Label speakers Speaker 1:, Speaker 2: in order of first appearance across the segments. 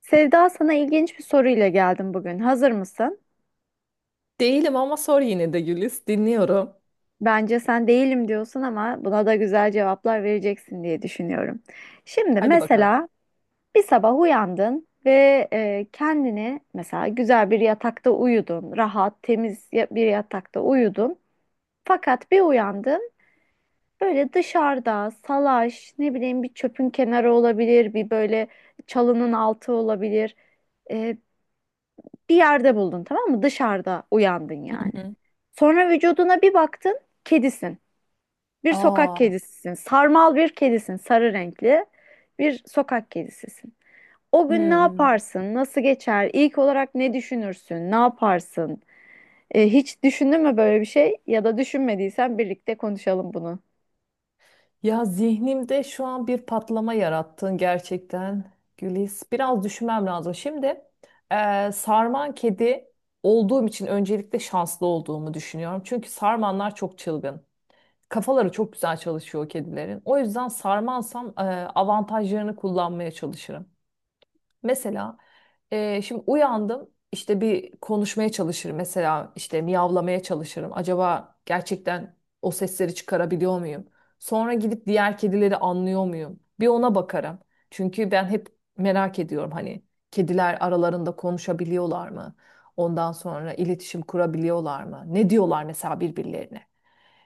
Speaker 1: Sevda, sana ilginç bir soruyla geldim bugün. Hazır mısın?
Speaker 2: Değilim ama sor yine de Güliz. Dinliyorum.
Speaker 1: Bence sen değilim diyorsun ama buna da güzel cevaplar vereceksin diye düşünüyorum. Şimdi
Speaker 2: Hadi bakalım.
Speaker 1: mesela bir sabah uyandın ve kendini mesela güzel bir yatakta uyudun, rahat, temiz bir yatakta uyudun. Fakat bir uyandın böyle dışarıda salaş, ne bileyim bir çöpün kenarı olabilir, bir böyle çalının altı olabilir. E, bir yerde buldun, tamam mı? Dışarıda uyandın
Speaker 2: Hı
Speaker 1: yani.
Speaker 2: hı.
Speaker 1: Sonra vücuduna bir baktın, kedisin. Bir sokak
Speaker 2: Aa,
Speaker 1: kedisisin. Sarmal bir kedisin, sarı renkli bir sokak kedisisin. O gün ne
Speaker 2: hmm.
Speaker 1: yaparsın? Nasıl geçer? İlk olarak ne düşünürsün? Ne yaparsın? Hiç düşündün mü böyle bir şey? Ya da düşünmediysen birlikte konuşalım bunu.
Speaker 2: Ya zihnimde şu an bir patlama yarattın gerçekten Güliz. Biraz düşünmem lazım. Şimdi sarman kedi olduğum için öncelikle şanslı olduğumu düşünüyorum. Çünkü sarmanlar çok çılgın. Kafaları çok güzel çalışıyor o kedilerin. O yüzden sarmansam avantajlarını kullanmaya çalışırım. Mesela şimdi uyandım işte bir konuşmaya çalışırım, mesela işte miyavlamaya çalışırım. Acaba gerçekten o sesleri çıkarabiliyor muyum? Sonra gidip diğer kedileri anlıyor muyum? Bir ona bakarım. Çünkü ben hep merak ediyorum, hani kediler aralarında konuşabiliyorlar mı? Ondan sonra iletişim kurabiliyorlar mı? Ne diyorlar mesela birbirlerine?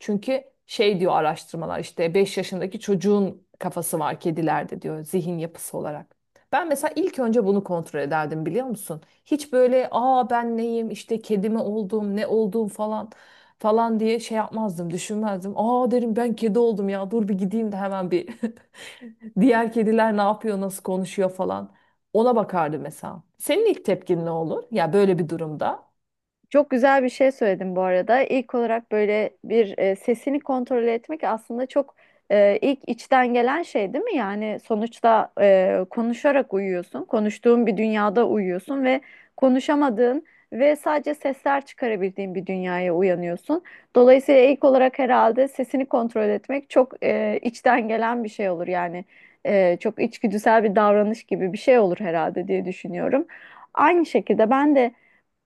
Speaker 2: Çünkü şey diyor araştırmalar, işte 5 yaşındaki çocuğun kafası var kedilerde diyor, zihin yapısı olarak. Ben mesela ilk önce bunu kontrol ederdim, biliyor musun? Hiç böyle aa ben neyim işte kedi mi oldum ne olduğum falan falan diye şey yapmazdım, düşünmezdim. Aa, derim ben kedi oldum ya, dur bir gideyim de hemen bir diğer kediler ne yapıyor, nasıl konuşuyor falan. Ona bakardı mesela. Senin ilk tepkin ne olur? Ya böyle bir durumda.
Speaker 1: Çok güzel bir şey söyledin bu arada. İlk olarak böyle bir sesini kontrol etmek aslında çok ilk içten gelen şey değil mi? Yani sonuçta konuşarak uyuyorsun, konuştuğun bir dünyada uyuyorsun ve konuşamadığın ve sadece sesler çıkarabildiğin bir dünyaya uyanıyorsun. Dolayısıyla ilk olarak herhalde sesini kontrol etmek çok içten gelen bir şey olur yani. Çok içgüdüsel bir davranış gibi bir şey olur herhalde diye düşünüyorum. Aynı şekilde ben de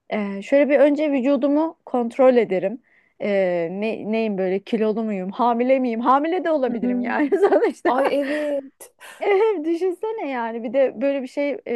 Speaker 1: şöyle bir önce vücudumu kontrol ederim. Neyim böyle, kilolu muyum, hamile miyim? Hamile de olabilirim
Speaker 2: Hmm.
Speaker 1: yani sonuçta.
Speaker 2: Ay, evet.
Speaker 1: Evet, düşünsene yani bir de böyle bir şey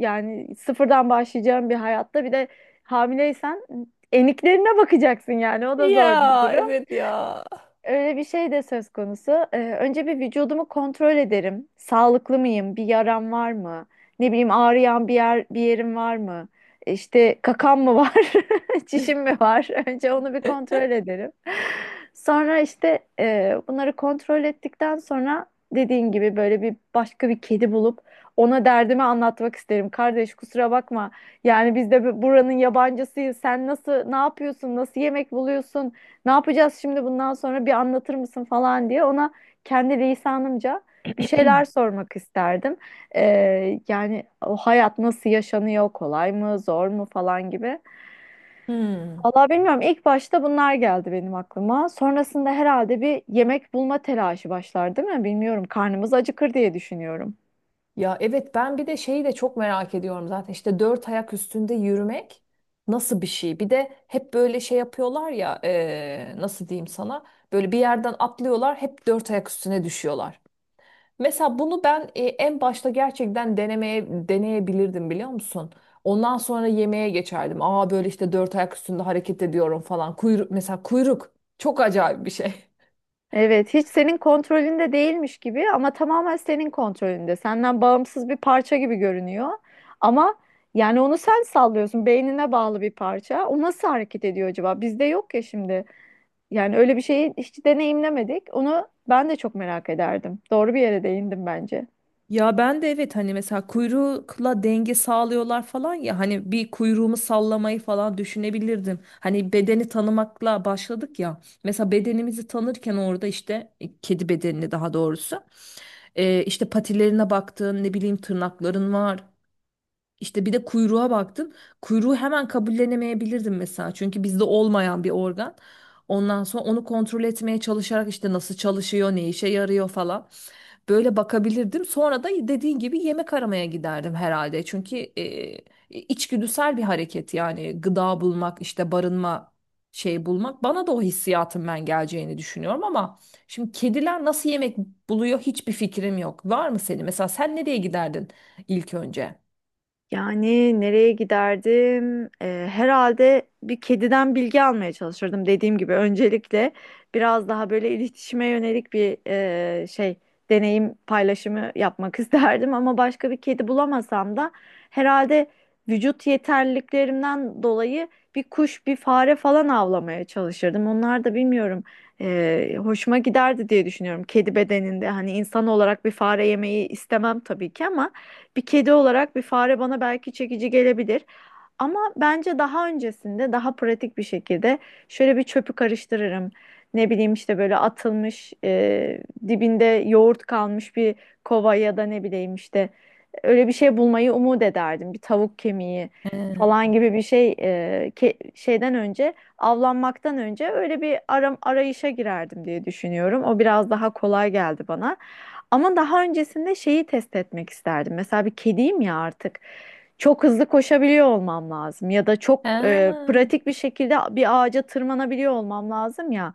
Speaker 1: yani sıfırdan başlayacağım bir hayatta bir de hamileysen eniklerine bakacaksın, yani o da zor bir
Speaker 2: Ya
Speaker 1: durum.
Speaker 2: evet ya.
Speaker 1: Öyle bir şey de söz konusu. Önce bir vücudumu kontrol ederim. Sağlıklı mıyım? Bir yaram var mı? Ne bileyim, ağrıyan bir yer bir yerim var mı? İşte kakan mı var? Çişim mi var? Önce onu bir kontrol ederim. Sonra işte bunları kontrol ettikten sonra dediğin gibi böyle bir başka bir kedi bulup ona derdimi anlatmak isterim. Kardeş, kusura bakma. Yani biz de buranın yabancısıyız. Sen nasıl, ne yapıyorsun? Nasıl yemek buluyorsun? Ne yapacağız şimdi bundan sonra, bir anlatır mısın falan diye ona kendi lisanımca bir şeyler sormak isterdim. Yani o hayat nasıl yaşanıyor, kolay mı, zor mu falan gibi.
Speaker 2: Hmm.
Speaker 1: Vallahi bilmiyorum. İlk başta bunlar geldi benim aklıma. Sonrasında herhalde bir yemek bulma telaşı başlar, değil mi? Bilmiyorum. Karnımız acıkır diye düşünüyorum.
Speaker 2: Ya evet, ben bir de şeyi de çok merak ediyorum zaten, işte dört ayak üstünde yürümek nasıl bir şey? Bir de hep böyle şey yapıyorlar ya nasıl diyeyim sana, böyle bir yerden atlıyorlar, hep dört ayak üstüne düşüyorlar. Mesela bunu ben en başta gerçekten denemeye deneyebilirdim, biliyor musun? Ondan sonra yemeğe geçerdim. Aa, böyle işte dört ayak üstünde hareket ediyorum falan. Kuyruk, mesela kuyruk çok acayip bir şey.
Speaker 1: Evet, hiç senin kontrolünde değilmiş gibi ama tamamen senin kontrolünde. Senden bağımsız bir parça gibi görünüyor. Ama yani onu sen sallıyorsun. Beynine bağlı bir parça. O nasıl hareket ediyor acaba? Bizde yok ya şimdi. Yani öyle bir şeyi hiç deneyimlemedik. Onu ben de çok merak ederdim. Doğru bir yere değindim bence.
Speaker 2: Ya ben de evet, hani mesela kuyrukla denge sağlıyorlar falan ya, hani bir kuyruğumu sallamayı falan düşünebilirdim. Hani bedeni tanımakla başladık ya. Mesela bedenimizi tanırken orada işte kedi bedenini, daha doğrusu işte patilerine baktın, ne bileyim tırnakların var, işte bir de kuyruğa baktım. Kuyruğu hemen kabullenemeyebilirdim mesela. Çünkü bizde olmayan bir organ. Ondan sonra onu kontrol etmeye çalışarak işte nasıl çalışıyor, ne işe yarıyor falan. Böyle bakabilirdim. Sonra da dediğin gibi yemek aramaya giderdim herhalde. Çünkü içgüdüsel bir hareket yani gıda bulmak, işte barınma şey bulmak. Bana da o hissiyatın ben geleceğini düşünüyorum ama şimdi kediler nasıl yemek buluyor hiçbir fikrim yok. Var mı senin? Mesela sen nereye giderdin ilk önce?
Speaker 1: Yani nereye giderdim? Herhalde bir kediden bilgi almaya çalışırdım. Dediğim gibi öncelikle biraz daha böyle iletişime yönelik bir e, şey deneyim paylaşımı yapmak isterdim. Ama başka bir kedi bulamasam da herhalde vücut yeterliliklerimden dolayı bir kuş, bir fare falan avlamaya çalışırdım. Onlar da bilmiyorum, hoşuma giderdi diye düşünüyorum. Kedi bedeninde hani insan olarak bir fare yemeyi istemem tabii ki ama bir kedi olarak bir fare bana belki çekici gelebilir. Ama bence daha öncesinde daha pratik bir şekilde şöyle bir çöpü karıştırırım. Ne bileyim işte böyle atılmış dibinde yoğurt kalmış bir kova ya da ne bileyim işte öyle bir şey bulmayı umut ederdim. Bir tavuk kemiği
Speaker 2: He.
Speaker 1: falan gibi bir şey şeyden önce, avlanmaktan önce öyle bir arayışa girerdim diye düşünüyorum. O biraz daha kolay geldi bana. Ama daha öncesinde şeyi test etmek isterdim. Mesela bir kediyim ya artık, çok hızlı koşabiliyor olmam lazım ya da çok
Speaker 2: He.
Speaker 1: pratik bir şekilde bir ağaca tırmanabiliyor olmam lazım ya.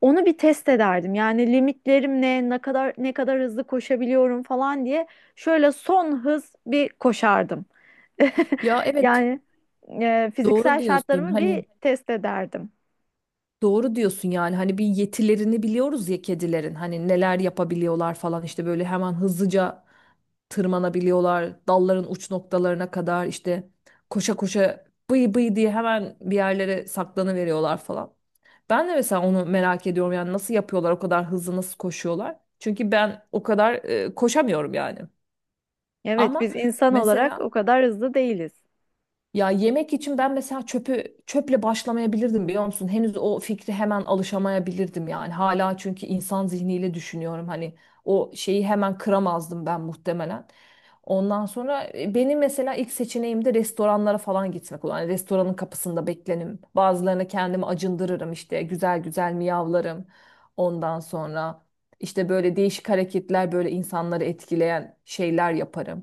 Speaker 1: Onu bir test ederdim. Yani limitlerim ne, ne kadar hızlı koşabiliyorum falan diye şöyle son hız bir koşardım.
Speaker 2: Ya evet,
Speaker 1: Yani
Speaker 2: doğru
Speaker 1: fiziksel
Speaker 2: diyorsun.
Speaker 1: şartlarımı bir
Speaker 2: Hani
Speaker 1: test ederdim.
Speaker 2: Doğru diyorsun yani, hani bir yetilerini biliyoruz ya kedilerin, hani neler yapabiliyorlar falan, işte böyle hemen hızlıca tırmanabiliyorlar dalların uç noktalarına kadar, işte koşa koşa bıy bıy diye hemen bir yerlere saklanıveriyorlar falan. Ben de mesela onu merak ediyorum, yani nasıl yapıyorlar, o kadar hızlı nasıl koşuyorlar? Çünkü ben o kadar koşamıyorum yani.
Speaker 1: Evet,
Speaker 2: Ama
Speaker 1: biz insan olarak o
Speaker 2: mesela
Speaker 1: kadar hızlı değiliz.
Speaker 2: ya yemek için ben mesela çöpü, çöple başlamayabilirdim, biliyor musun? Henüz o fikri hemen alışamayabilirdim yani. Hala çünkü insan zihniyle düşünüyorum. Hani o şeyi hemen kıramazdım ben muhtemelen. Ondan sonra benim mesela ilk seçeneğim de restoranlara falan gitmek olur. Hani restoranın kapısında beklenim. Bazılarına kendimi acındırırım, işte güzel güzel miyavlarım. Ondan sonra işte böyle değişik hareketler, böyle insanları etkileyen şeyler yaparım,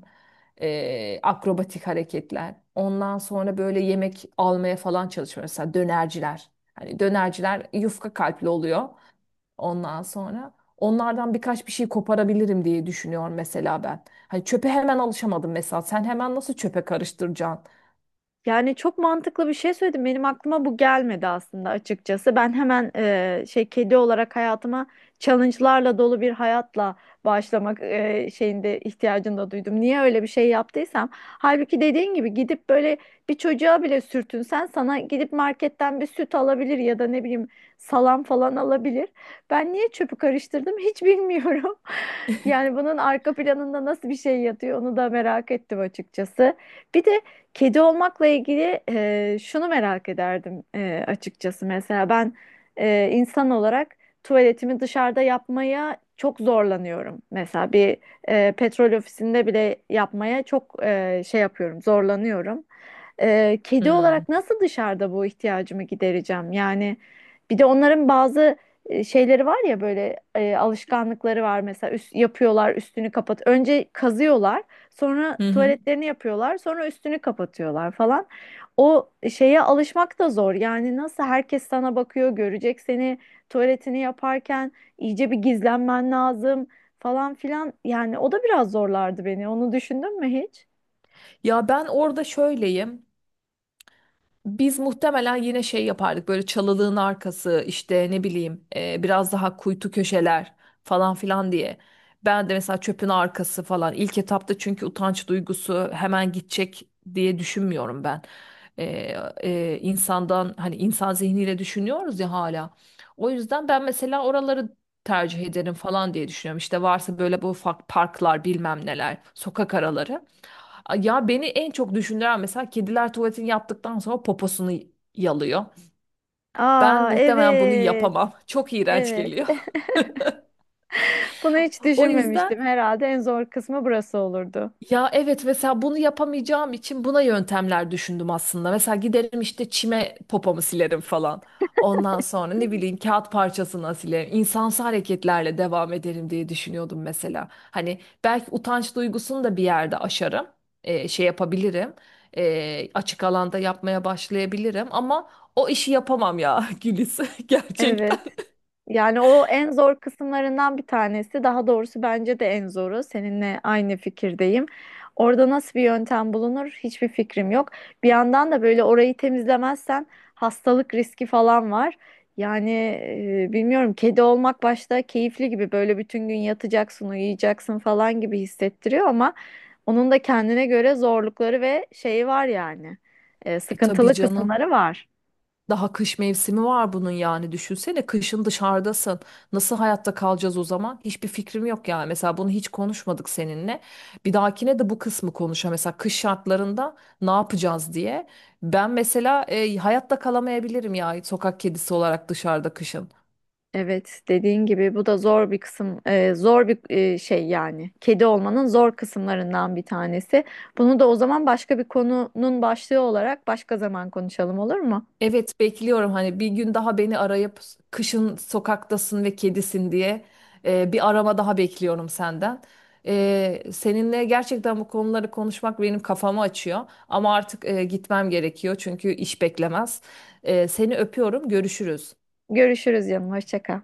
Speaker 2: akrobatik hareketler. Ondan sonra böyle yemek almaya falan çalışıyor. Mesela dönerciler. Hani dönerciler yufka kalpli oluyor. Ondan sonra onlardan birkaç bir şey koparabilirim diye düşünüyorum mesela ben. Hani çöpe hemen alışamadım mesela. Sen hemen nasıl çöpe karıştıracaksın?
Speaker 1: Yani çok mantıklı bir şey söyledim. Benim aklıma bu gelmedi aslında açıkçası. Ben hemen kedi olarak hayatıma challenge'larla dolu bir hayatla başlamak şeyinde ihtiyacını da duydum. Niye öyle bir şey yaptıysam. Halbuki dediğin gibi gidip böyle bir çocuğa bile sürtünsen sana gidip marketten bir süt alabilir ya da ne bileyim salam falan alabilir. Ben niye çöpü karıştırdım hiç bilmiyorum. Yani bunun arka planında nasıl bir şey yatıyor onu da merak ettim açıkçası. Bir de kedi olmakla ilgili şunu merak ederdim açıkçası. Mesela ben insan olarak tuvaletimi dışarıda yapmaya çok zorlanıyorum. Mesela bir petrol ofisinde bile yapmaya çok zorlanıyorum. Kedi
Speaker 2: Hmm.
Speaker 1: olarak nasıl dışarıda bu ihtiyacımı gidereceğim? Yani bir de onların bazı şeyleri var ya, böyle alışkanlıkları var. Mesela yapıyorlar, üstünü kapat. Önce kazıyorlar. Sonra
Speaker 2: Hı hı.
Speaker 1: tuvaletlerini yapıyorlar. Sonra üstünü kapatıyorlar falan. O şeye alışmak da zor. Yani nasıl, herkes sana bakıyor, görecek seni tuvaletini yaparken, iyice bir gizlenmen lazım falan filan. Yani o da biraz zorlardı beni. Onu düşündün mü hiç?
Speaker 2: Ya ben orada şöyleyim. Biz muhtemelen yine şey yapardık, böyle çalılığın arkası, işte ne bileyim biraz daha kuytu köşeler falan filan diye. Ben de mesela çöpün arkası falan ilk etapta, çünkü utanç duygusu hemen gidecek diye düşünmüyorum ben. E, insandan, hani insan zihniyle düşünüyoruz ya hala. O yüzden ben mesela oraları tercih ederim falan diye düşünüyorum. İşte varsa böyle bu ufak parklar bilmem neler, sokak araları. A- ya beni en çok düşündüren, mesela kediler tuvaletini yaptıktan sonra poposunu yalıyor. Ben
Speaker 1: Aa,
Speaker 2: muhtemelen bunu
Speaker 1: evet.
Speaker 2: yapamam. Çok iğrenç
Speaker 1: Evet.
Speaker 2: geliyor.
Speaker 1: Bunu hiç
Speaker 2: O yüzden,
Speaker 1: düşünmemiştim. Herhalde en zor kısmı burası olurdu.
Speaker 2: ya evet mesela bunu yapamayacağım için buna yöntemler düşündüm aslında. Mesela giderim işte çime popomu silerim falan. Ondan sonra ne bileyim kağıt parçasına silerim. İnsansı hareketlerle devam ederim diye düşünüyordum mesela. Hani belki utanç duygusunu da bir yerde aşarım. Şey yapabilirim. Açık alanda yapmaya başlayabilirim ama o işi yapamam ya Gülis gerçekten.
Speaker 1: Evet. Yani o en zor kısımlarından bir tanesi. Daha doğrusu bence de en zoru. Seninle aynı fikirdeyim. Orada nasıl bir yöntem bulunur hiçbir fikrim yok. Bir yandan da böyle orayı temizlemezsen hastalık riski falan var. Yani bilmiyorum, kedi olmak başta keyifli gibi, böyle bütün gün yatacaksın, uyuyacaksın falan gibi hissettiriyor ama onun da kendine göre zorlukları ve şeyi var yani.
Speaker 2: E tabii
Speaker 1: Sıkıntılı
Speaker 2: canım.
Speaker 1: kısımları var.
Speaker 2: Daha kış mevsimi var bunun, yani düşünsene kışın dışarıdasın. Nasıl hayatta kalacağız o zaman? Hiçbir fikrim yok yani. Mesela bunu hiç konuşmadık seninle. Bir dahakine de bu kısmı konuşa. Mesela kış şartlarında ne yapacağız diye. Ben mesela hayatta kalamayabilirim ya sokak kedisi olarak dışarıda kışın.
Speaker 1: Evet, dediğin gibi bu da zor bir kısım, şey yani. Kedi olmanın zor kısımlarından bir tanesi. Bunu da o zaman başka bir konunun başlığı olarak başka zaman konuşalım, olur mu?
Speaker 2: Evet bekliyorum hani bir gün daha beni arayıp kışın sokaktasın ve kedisin diye bir arama daha bekliyorum senden. Seninle gerçekten bu konuları konuşmak benim kafamı açıyor ama artık gitmem gerekiyor çünkü iş beklemez. Seni öpüyorum, görüşürüz.
Speaker 1: Görüşürüz canım, hoşça kal.